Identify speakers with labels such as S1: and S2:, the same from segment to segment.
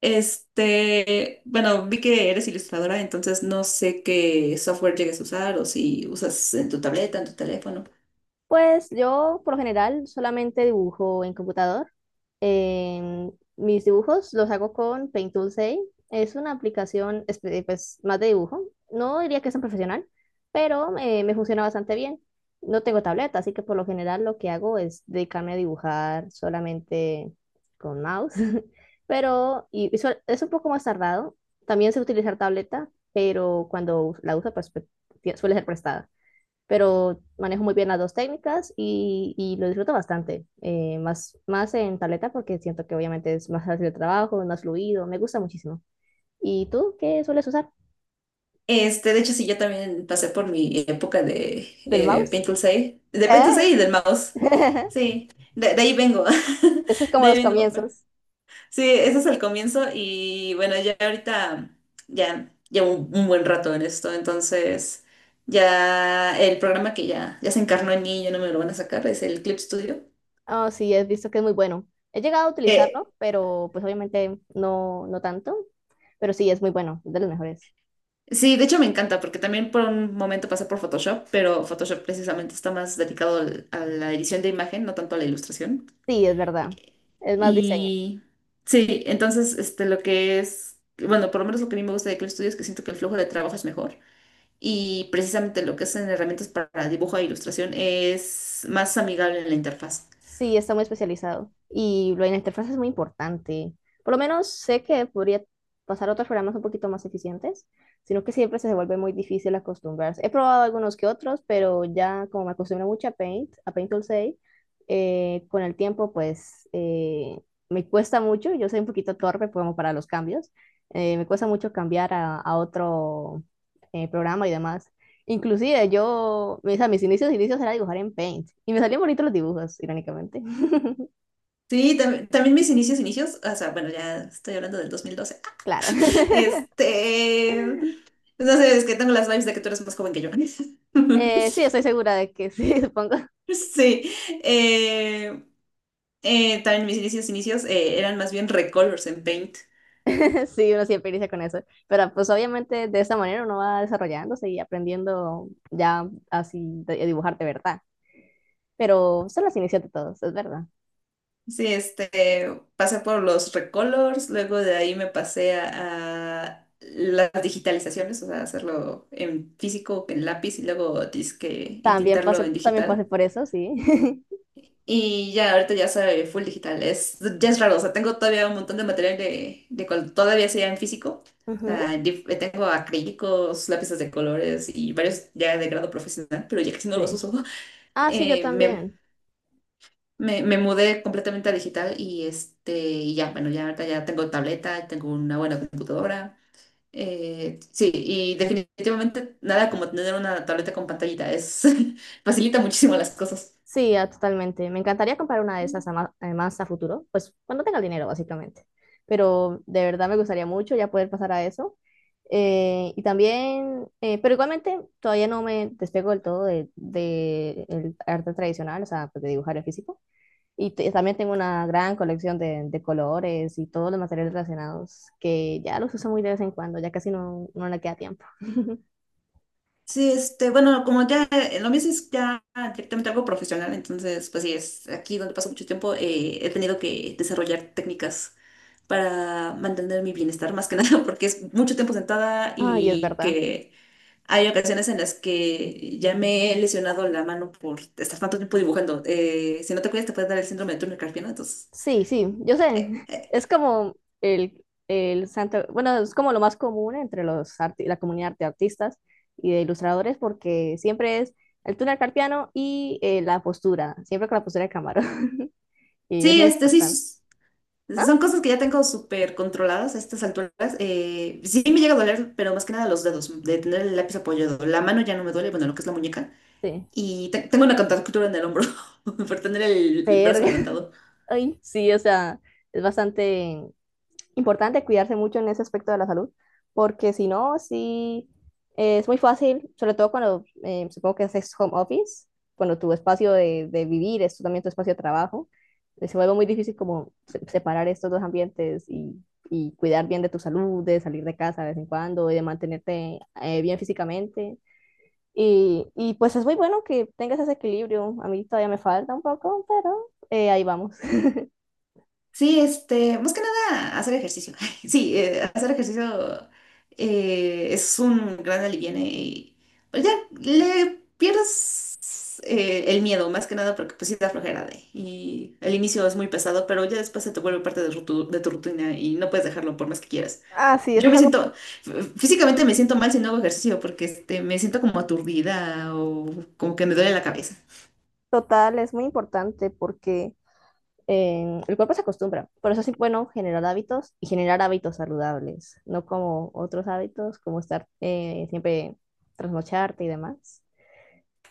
S1: Vi que eres ilustradora, entonces no sé qué software llegues a usar o si usas en tu tableta, en tu teléfono.
S2: Pues yo por lo general solamente dibujo en computador. Mis dibujos los hago con Paint Tool 6. Es una aplicación pues, más de dibujo. No diría que es tan profesional, pero me funciona bastante bien. No tengo tableta, así que por lo general lo que hago es dedicarme a dibujar solamente con mouse. Pero es un poco más tardado. También sé utilizar tableta, pero cuando la uso pues, suele ser prestada, pero manejo muy bien las dos técnicas y lo disfruto bastante, más en tableta porque siento que obviamente es más fácil el trabajo, es más fluido, me gusta muchísimo. ¿Y tú qué sueles usar?
S1: De hecho, sí, yo también pasé por mi época de
S2: ¿Del mouse?
S1: Paint Tool 6, de Paint Tool
S2: ¿Eh?
S1: 6 y del mouse. Sí, de ahí vengo.
S2: Eso es
S1: De
S2: como
S1: ahí
S2: los
S1: vengo, pues.
S2: comienzos.
S1: Sí, ese es el comienzo y bueno, ya ahorita ya llevo un buen rato en esto, entonces ya el programa que ya se encarnó en mí y ya no me lo van a sacar es el Clip Studio.
S2: Oh, sí, he visto que es muy bueno. He llegado a
S1: Eh,
S2: utilizarlo, pero pues obviamente no tanto, pero sí, es muy bueno, es de los mejores.
S1: sí, de hecho me encanta porque también por un momento pasé por Photoshop, pero Photoshop precisamente está más dedicado a la edición de imagen, no tanto a la ilustración.
S2: Sí, es verdad, es más diseño.
S1: Y sí, lo que es, bueno, por lo menos lo que a mí me gusta de Clip Studio es que siento que el flujo de trabajo es mejor. Y precisamente lo que hacen herramientas para dibujo e ilustración es más amigable en la interfaz.
S2: Sí, está muy especializado. Y lo de la interfaz es muy importante. Por lo menos sé que podría pasar a otros programas un poquito más eficientes, sino que siempre se vuelve muy difícil acostumbrarse. He probado algunos que otros, pero ya como me acostumbro mucho a Paint Tool 6, con el tiempo pues me cuesta mucho. Yo soy un poquito torpe como para los cambios. Me cuesta mucho cambiar a otro programa y demás. Inclusive yo, o sea, mis inicios, inicios era dibujar en Paint y me salían bonitos los dibujos, irónicamente.
S1: Sí, también mis inicios, inicios, o sea, bueno, ya estoy hablando del 2012.
S2: Claro.
S1: Este, no sé, es que tengo las vibes de que tú eres más joven que yo.
S2: Sí, estoy segura de que sí, supongo.
S1: Sí, eh, también mis inicios, inicios eran más bien recolors en Paint.
S2: Sí, uno siempre inicia con eso. Pero pues obviamente de esta manera uno va desarrollándose y aprendiendo ya así a dibujar de verdad. Pero son los inicios de todos, es verdad.
S1: Sí, pasé por los recolors, luego de ahí me pasé a las digitalizaciones, o sea, hacerlo en físico, en lápiz y luego disque entintarlo en
S2: También pasé
S1: digital.
S2: por eso, sí.
S1: Y ya, ahorita ya soy full digital, es, ya es raro, o sea, tengo todavía un montón de material de cuando todavía sea en físico. O
S2: Ujú.
S1: sea, tengo acrílicos, lápices de colores y varios ya de grado profesional, pero ya casi no los
S2: Sí.
S1: uso.
S2: Ah, sí, yo
S1: Eh, me
S2: también.
S1: me mudé completamente a digital y ya, bueno, ya ahorita ya tengo tableta, tengo una buena computadora. Sí, y definitivamente nada como tener una tableta con pantallita, es facilita muchísimo las cosas.
S2: Sí, ah, totalmente. Me encantaría comprar una de esas a además a futuro, pues cuando tenga el dinero, básicamente. Pero de verdad me gustaría mucho ya poder pasar a eso. Pero igualmente todavía no me despego del todo de el arte tradicional, o sea, pues, de dibujar en físico. Y también tengo una gran colección de colores y todos los materiales relacionados que ya los uso muy de vez en cuando, ya casi no, no le queda tiempo.
S1: Sí, bueno, como ya lo mismo es ya directamente algo profesional, entonces, pues sí, es aquí donde paso mucho tiempo, he tenido que desarrollar técnicas para mantener mi bienestar más que nada, porque es mucho tiempo sentada
S2: Ay, es
S1: y
S2: verdad.
S1: que hay ocasiones en las que ya me he lesionado la mano por estar tanto tiempo dibujando. Si no te cuidas, te puede dar el síndrome de Turner Carpiano. Entonces,
S2: Sí, sí, yo sé.
S1: eh, eh,
S2: Es como el santo, bueno, es como lo más común entre los la comunidad de artistas y de ilustradores porque siempre es el túnel carpiano y la postura, siempre con la postura de camarón. Y es
S1: sí,
S2: muy importante. Ah,
S1: son cosas que ya tengo súper controladas a estas alturas. Sí me llega a doler, pero más que nada los dedos, de tener el lápiz apoyado. La mano ya no me duele, bueno, lo que es la muñeca.
S2: sí.
S1: Tengo una contractura en el hombro por tener el brazo
S2: Verga.
S1: levantado.
S2: Ay, sí, o sea, es bastante importante cuidarse mucho en ese aspecto de la salud, porque si no, sí, es muy fácil, sobre todo cuando supongo que haces home office, cuando tu espacio de vivir es también tu espacio de trabajo, se vuelve muy difícil como separar estos dos ambientes y cuidar bien de tu salud, de salir de casa de vez en cuando y de mantenerte bien físicamente. Y pues es muy bueno que tengas ese equilibrio. A mí todavía me falta un poco, pero ahí vamos.
S1: Sí, más que nada hacer ejercicio. Sí, hacer ejercicio es un gran alivio y pues ya le pierdes el miedo, más que nada porque pues sí da flojera y el inicio es muy pesado, pero ya después se te vuelve parte de tu rutina y no puedes dejarlo por más que quieras.
S2: Ah, sí, eso
S1: Yo
S2: es
S1: me
S2: algo
S1: siento, f- Físicamente me siento mal si no hago ejercicio porque me siento como aturdida o como que me duele la cabeza.
S2: total, es muy importante porque el cuerpo se acostumbra. Por eso es bueno generar hábitos y generar hábitos saludables, no como otros hábitos, como estar siempre trasnocharte y demás.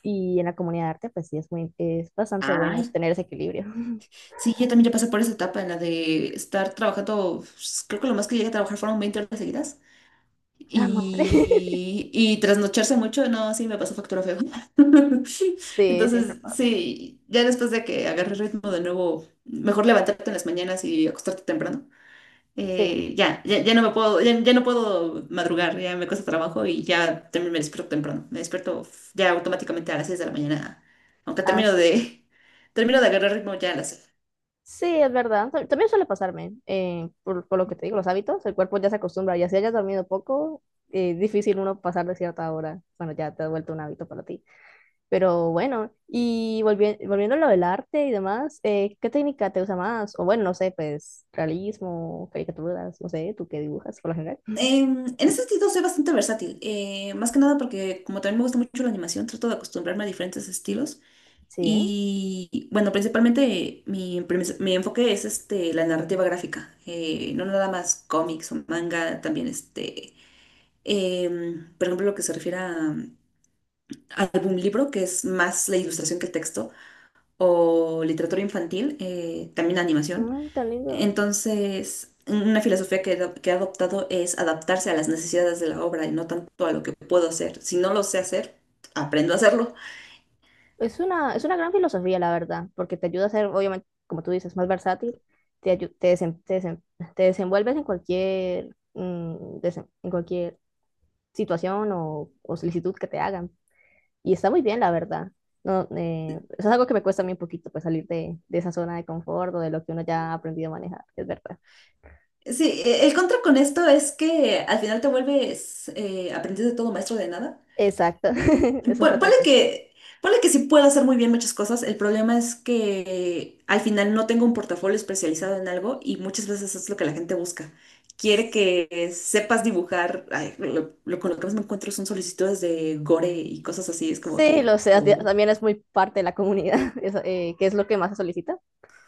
S2: Y en la comunidad de arte, pues sí, es, muy, es bastante bueno
S1: Ay,
S2: tener ese equilibrio.
S1: sí, yo también ya pasé por esa etapa en la de estar trabajando, pues, creo que lo más que llegué a trabajar fueron 20 horas seguidas
S2: A la madre.
S1: y trasnocharse mucho, no, sí, me pasó factura feo.
S2: Sí, siempre
S1: Entonces,
S2: pasa.
S1: sí, ya después de que agarré ritmo de nuevo, mejor levantarte en las mañanas y acostarte temprano.
S2: Sí,
S1: Ya no me puedo, ya no puedo madrugar, ya me cuesta trabajo y ya también me despierto temprano. Me despierto ya automáticamente a las 6 de la mañana, aunque termino
S2: así.
S1: de, termino de agarrar ritmo ya a las 6.
S2: Sí, es verdad. También suele pasarme, por lo que te digo, los hábitos, el cuerpo ya se acostumbra y así hayas dormido poco, es difícil uno pasar de cierta hora bueno ya te ha vuelto un hábito para ti. Pero bueno, y volviendo a lo del arte y demás, ¿qué técnica te gusta más? O bueno, no sé, pues realismo, caricaturas, no sé, tú qué dibujas por lo general.
S1: En ese sentido soy bastante versátil, más que nada porque como también me gusta mucho la animación, trato de acostumbrarme a diferentes estilos
S2: Sí,
S1: y bueno, principalmente mi enfoque es la narrativa gráfica, no nada más cómics o manga, también por ejemplo, lo que se refiere a álbum libro, que es más la ilustración que el texto, o literatura infantil, también animación.
S2: mm, tan lindo.
S1: Entonces, una filosofía que he adoptado es adaptarse a las necesidades de la obra y no tanto a lo que puedo hacer. Si no lo sé hacer, aprendo a hacerlo.
S2: Es una gran filosofía, la verdad, porque te ayuda a ser, obviamente, como tú dices, más versátil, te, ayu- te, desem- te, desem- te desenvuelves en cualquier, mm, en cualquier situación o solicitud que te hagan. Y está muy bien, la verdad. No, eso es algo que me cuesta a mí un poquito, pues salir de esa zona de confort o de lo que uno ya ha aprendido a manejar, es verdad.
S1: Sí, el contra con esto es que al final te vuelves aprendiz de todo, maestro de nada.
S2: Exacto, eso es otra
S1: Ponle
S2: cosa.
S1: ponle que sí puedo hacer muy bien muchas cosas. El problema es que al final no tengo un portafolio especializado en algo y muchas veces es lo que la gente busca. Quiere que sepas dibujar. Ay, con lo que más me encuentro son solicitudes de gore y cosas así. Es como
S2: Sí, lo
S1: que,
S2: sé,
S1: o
S2: también es muy parte de la comunidad, eso, que es lo que más se solicita,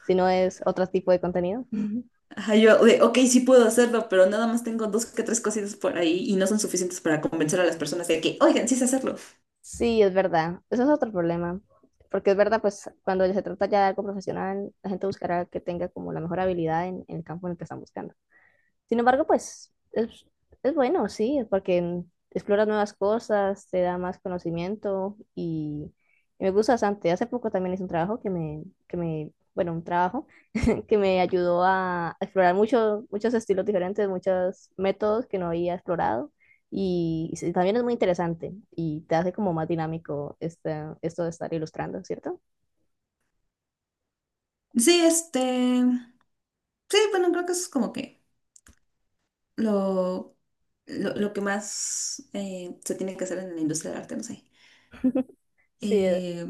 S2: si no es otro tipo de contenido.
S1: ajá, ok, sí puedo hacerlo, pero nada más tengo dos que tres cositas por ahí y no son suficientes para convencer a las personas de que, oigan, sí sé hacerlo.
S2: Sí, es verdad, eso es otro problema, porque es verdad, pues cuando se trata ya de algo profesional, la gente buscará que tenga como la mejor habilidad en el campo en el que están buscando. Sin embargo, pues es bueno, sí, porque exploras nuevas cosas, te da más conocimiento y me gusta bastante. Hace poco también hice un trabajo bueno, un trabajo que me ayudó a explorar muchos estilos diferentes, muchos métodos que no había explorado. Y, sí, también es muy interesante y te hace como más dinámico este, esto de estar ilustrando, ¿cierto?
S1: Sí, sí, bueno, creo que eso es como que lo lo que más se tiene que hacer en la industria del arte, no sé.
S2: Sí,
S1: Eh,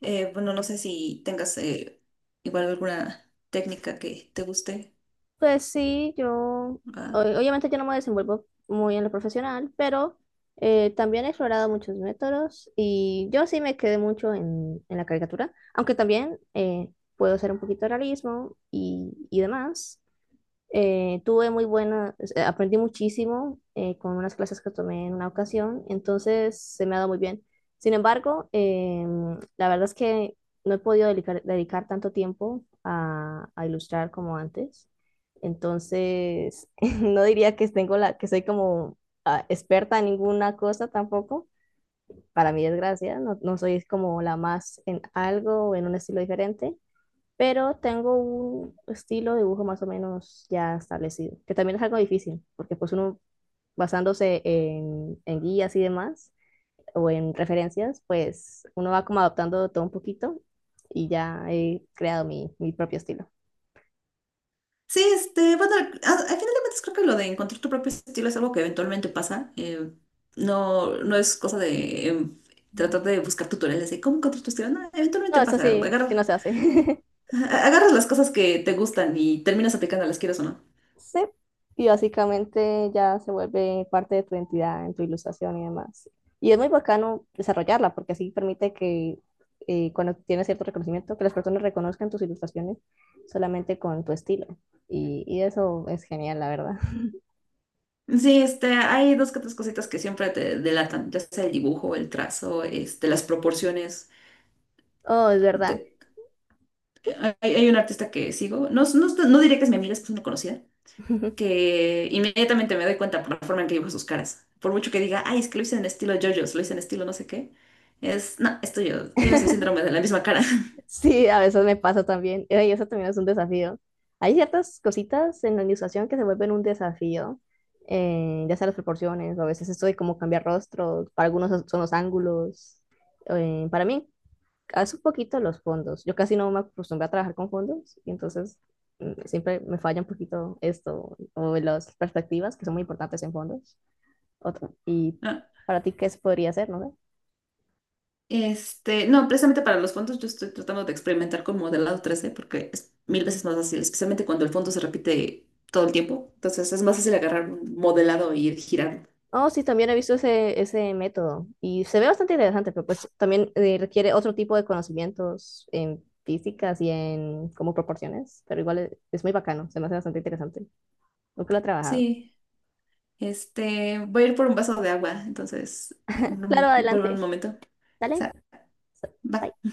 S1: bueno, no sé si tengas igual alguna técnica que te guste.
S2: pues sí,
S1: ¿Va?
S2: obviamente yo no me desenvuelvo muy en lo profesional, pero también he explorado muchos métodos y yo sí me quedé mucho en la caricatura, aunque también puedo hacer un poquito de realismo y demás. Tuve muy buena, aprendí muchísimo con unas clases que tomé en una ocasión, entonces se me ha dado muy bien. Sin embargo, la verdad es que no he podido dedicar tanto tiempo a ilustrar como antes, entonces no diría que tengo la, que soy como ah, experta en ninguna cosa tampoco. Para mi desgracia, no soy como la más en algo o en un estilo diferente, pero tengo un estilo de dibujo más o menos ya establecido, que también es algo difícil, porque pues uno basándose en guías y demás, o en referencias, pues uno va como adoptando todo un poquito y ya he creado mi propio estilo.
S1: Sí, bueno, al final de cuentas creo que lo de encontrar tu propio estilo es algo que eventualmente pasa. Eh, no es cosa de tratar de buscar tutoriales de cómo encontrar tu estilo. No,
S2: No,
S1: eventualmente
S2: eso
S1: pasa.
S2: sí, sí no se hace.
S1: Agarras las cosas que te gustan y terminas aplicándolas, quieras o no.
S2: Sí, y básicamente ya se vuelve parte de tu identidad, en tu ilustración y demás. Y es muy bacano desarrollarla porque así permite que cuando tienes cierto reconocimiento, que las personas reconozcan tus ilustraciones solamente con tu estilo. Y eso es genial, la verdad.
S1: Sí, hay dos que tres cositas que siempre te delatan, ya sea el dibujo, el trazo, las proporciones.
S2: Oh, es verdad.
S1: Te- Hay, hay un artista que sigo, no diría que es mi amiga, es que es una conocida, que inmediatamente me doy cuenta por la forma en que dibuja sus caras. Por mucho que diga, ay, es que lo hice en estilo JoJo's, lo hice en estilo no sé qué, es, no, tienes el síndrome de la misma cara.
S2: Sí, a veces me pasa también. Y eso también es un desafío. Hay ciertas cositas en la ilustración que se vuelven un desafío, ya sea las proporciones, o a veces esto de cómo cambiar rostros, para algunos son los ángulos. Para mí, hace un poquito los fondos. Yo casi no me acostumbré a trabajar con fondos, y entonces mm, siempre me falla un poquito esto, o las perspectivas, que son muy importantes en fondos. Y para ti, ¿qué se podría hacer, no sé?
S1: No, precisamente para los fondos yo estoy tratando de experimentar con modelado 3D porque es 1000 veces más fácil, especialmente cuando el fondo se repite todo el tiempo. Entonces es más fácil agarrar un modelado y ir girando.
S2: Oh, sí, también he visto ese, ese método y se ve bastante interesante, pero pues también requiere otro tipo de conocimientos en físicas y en como proporciones, pero igual es muy bacano, se me hace bastante interesante. Nunca lo he trabajado.
S1: Sí, voy a ir por un vaso de agua, entonces
S2: Claro,
S1: vuelvo en un
S2: adelante.
S1: momento. O
S2: Dale.
S1: sea, va.
S2: Bye.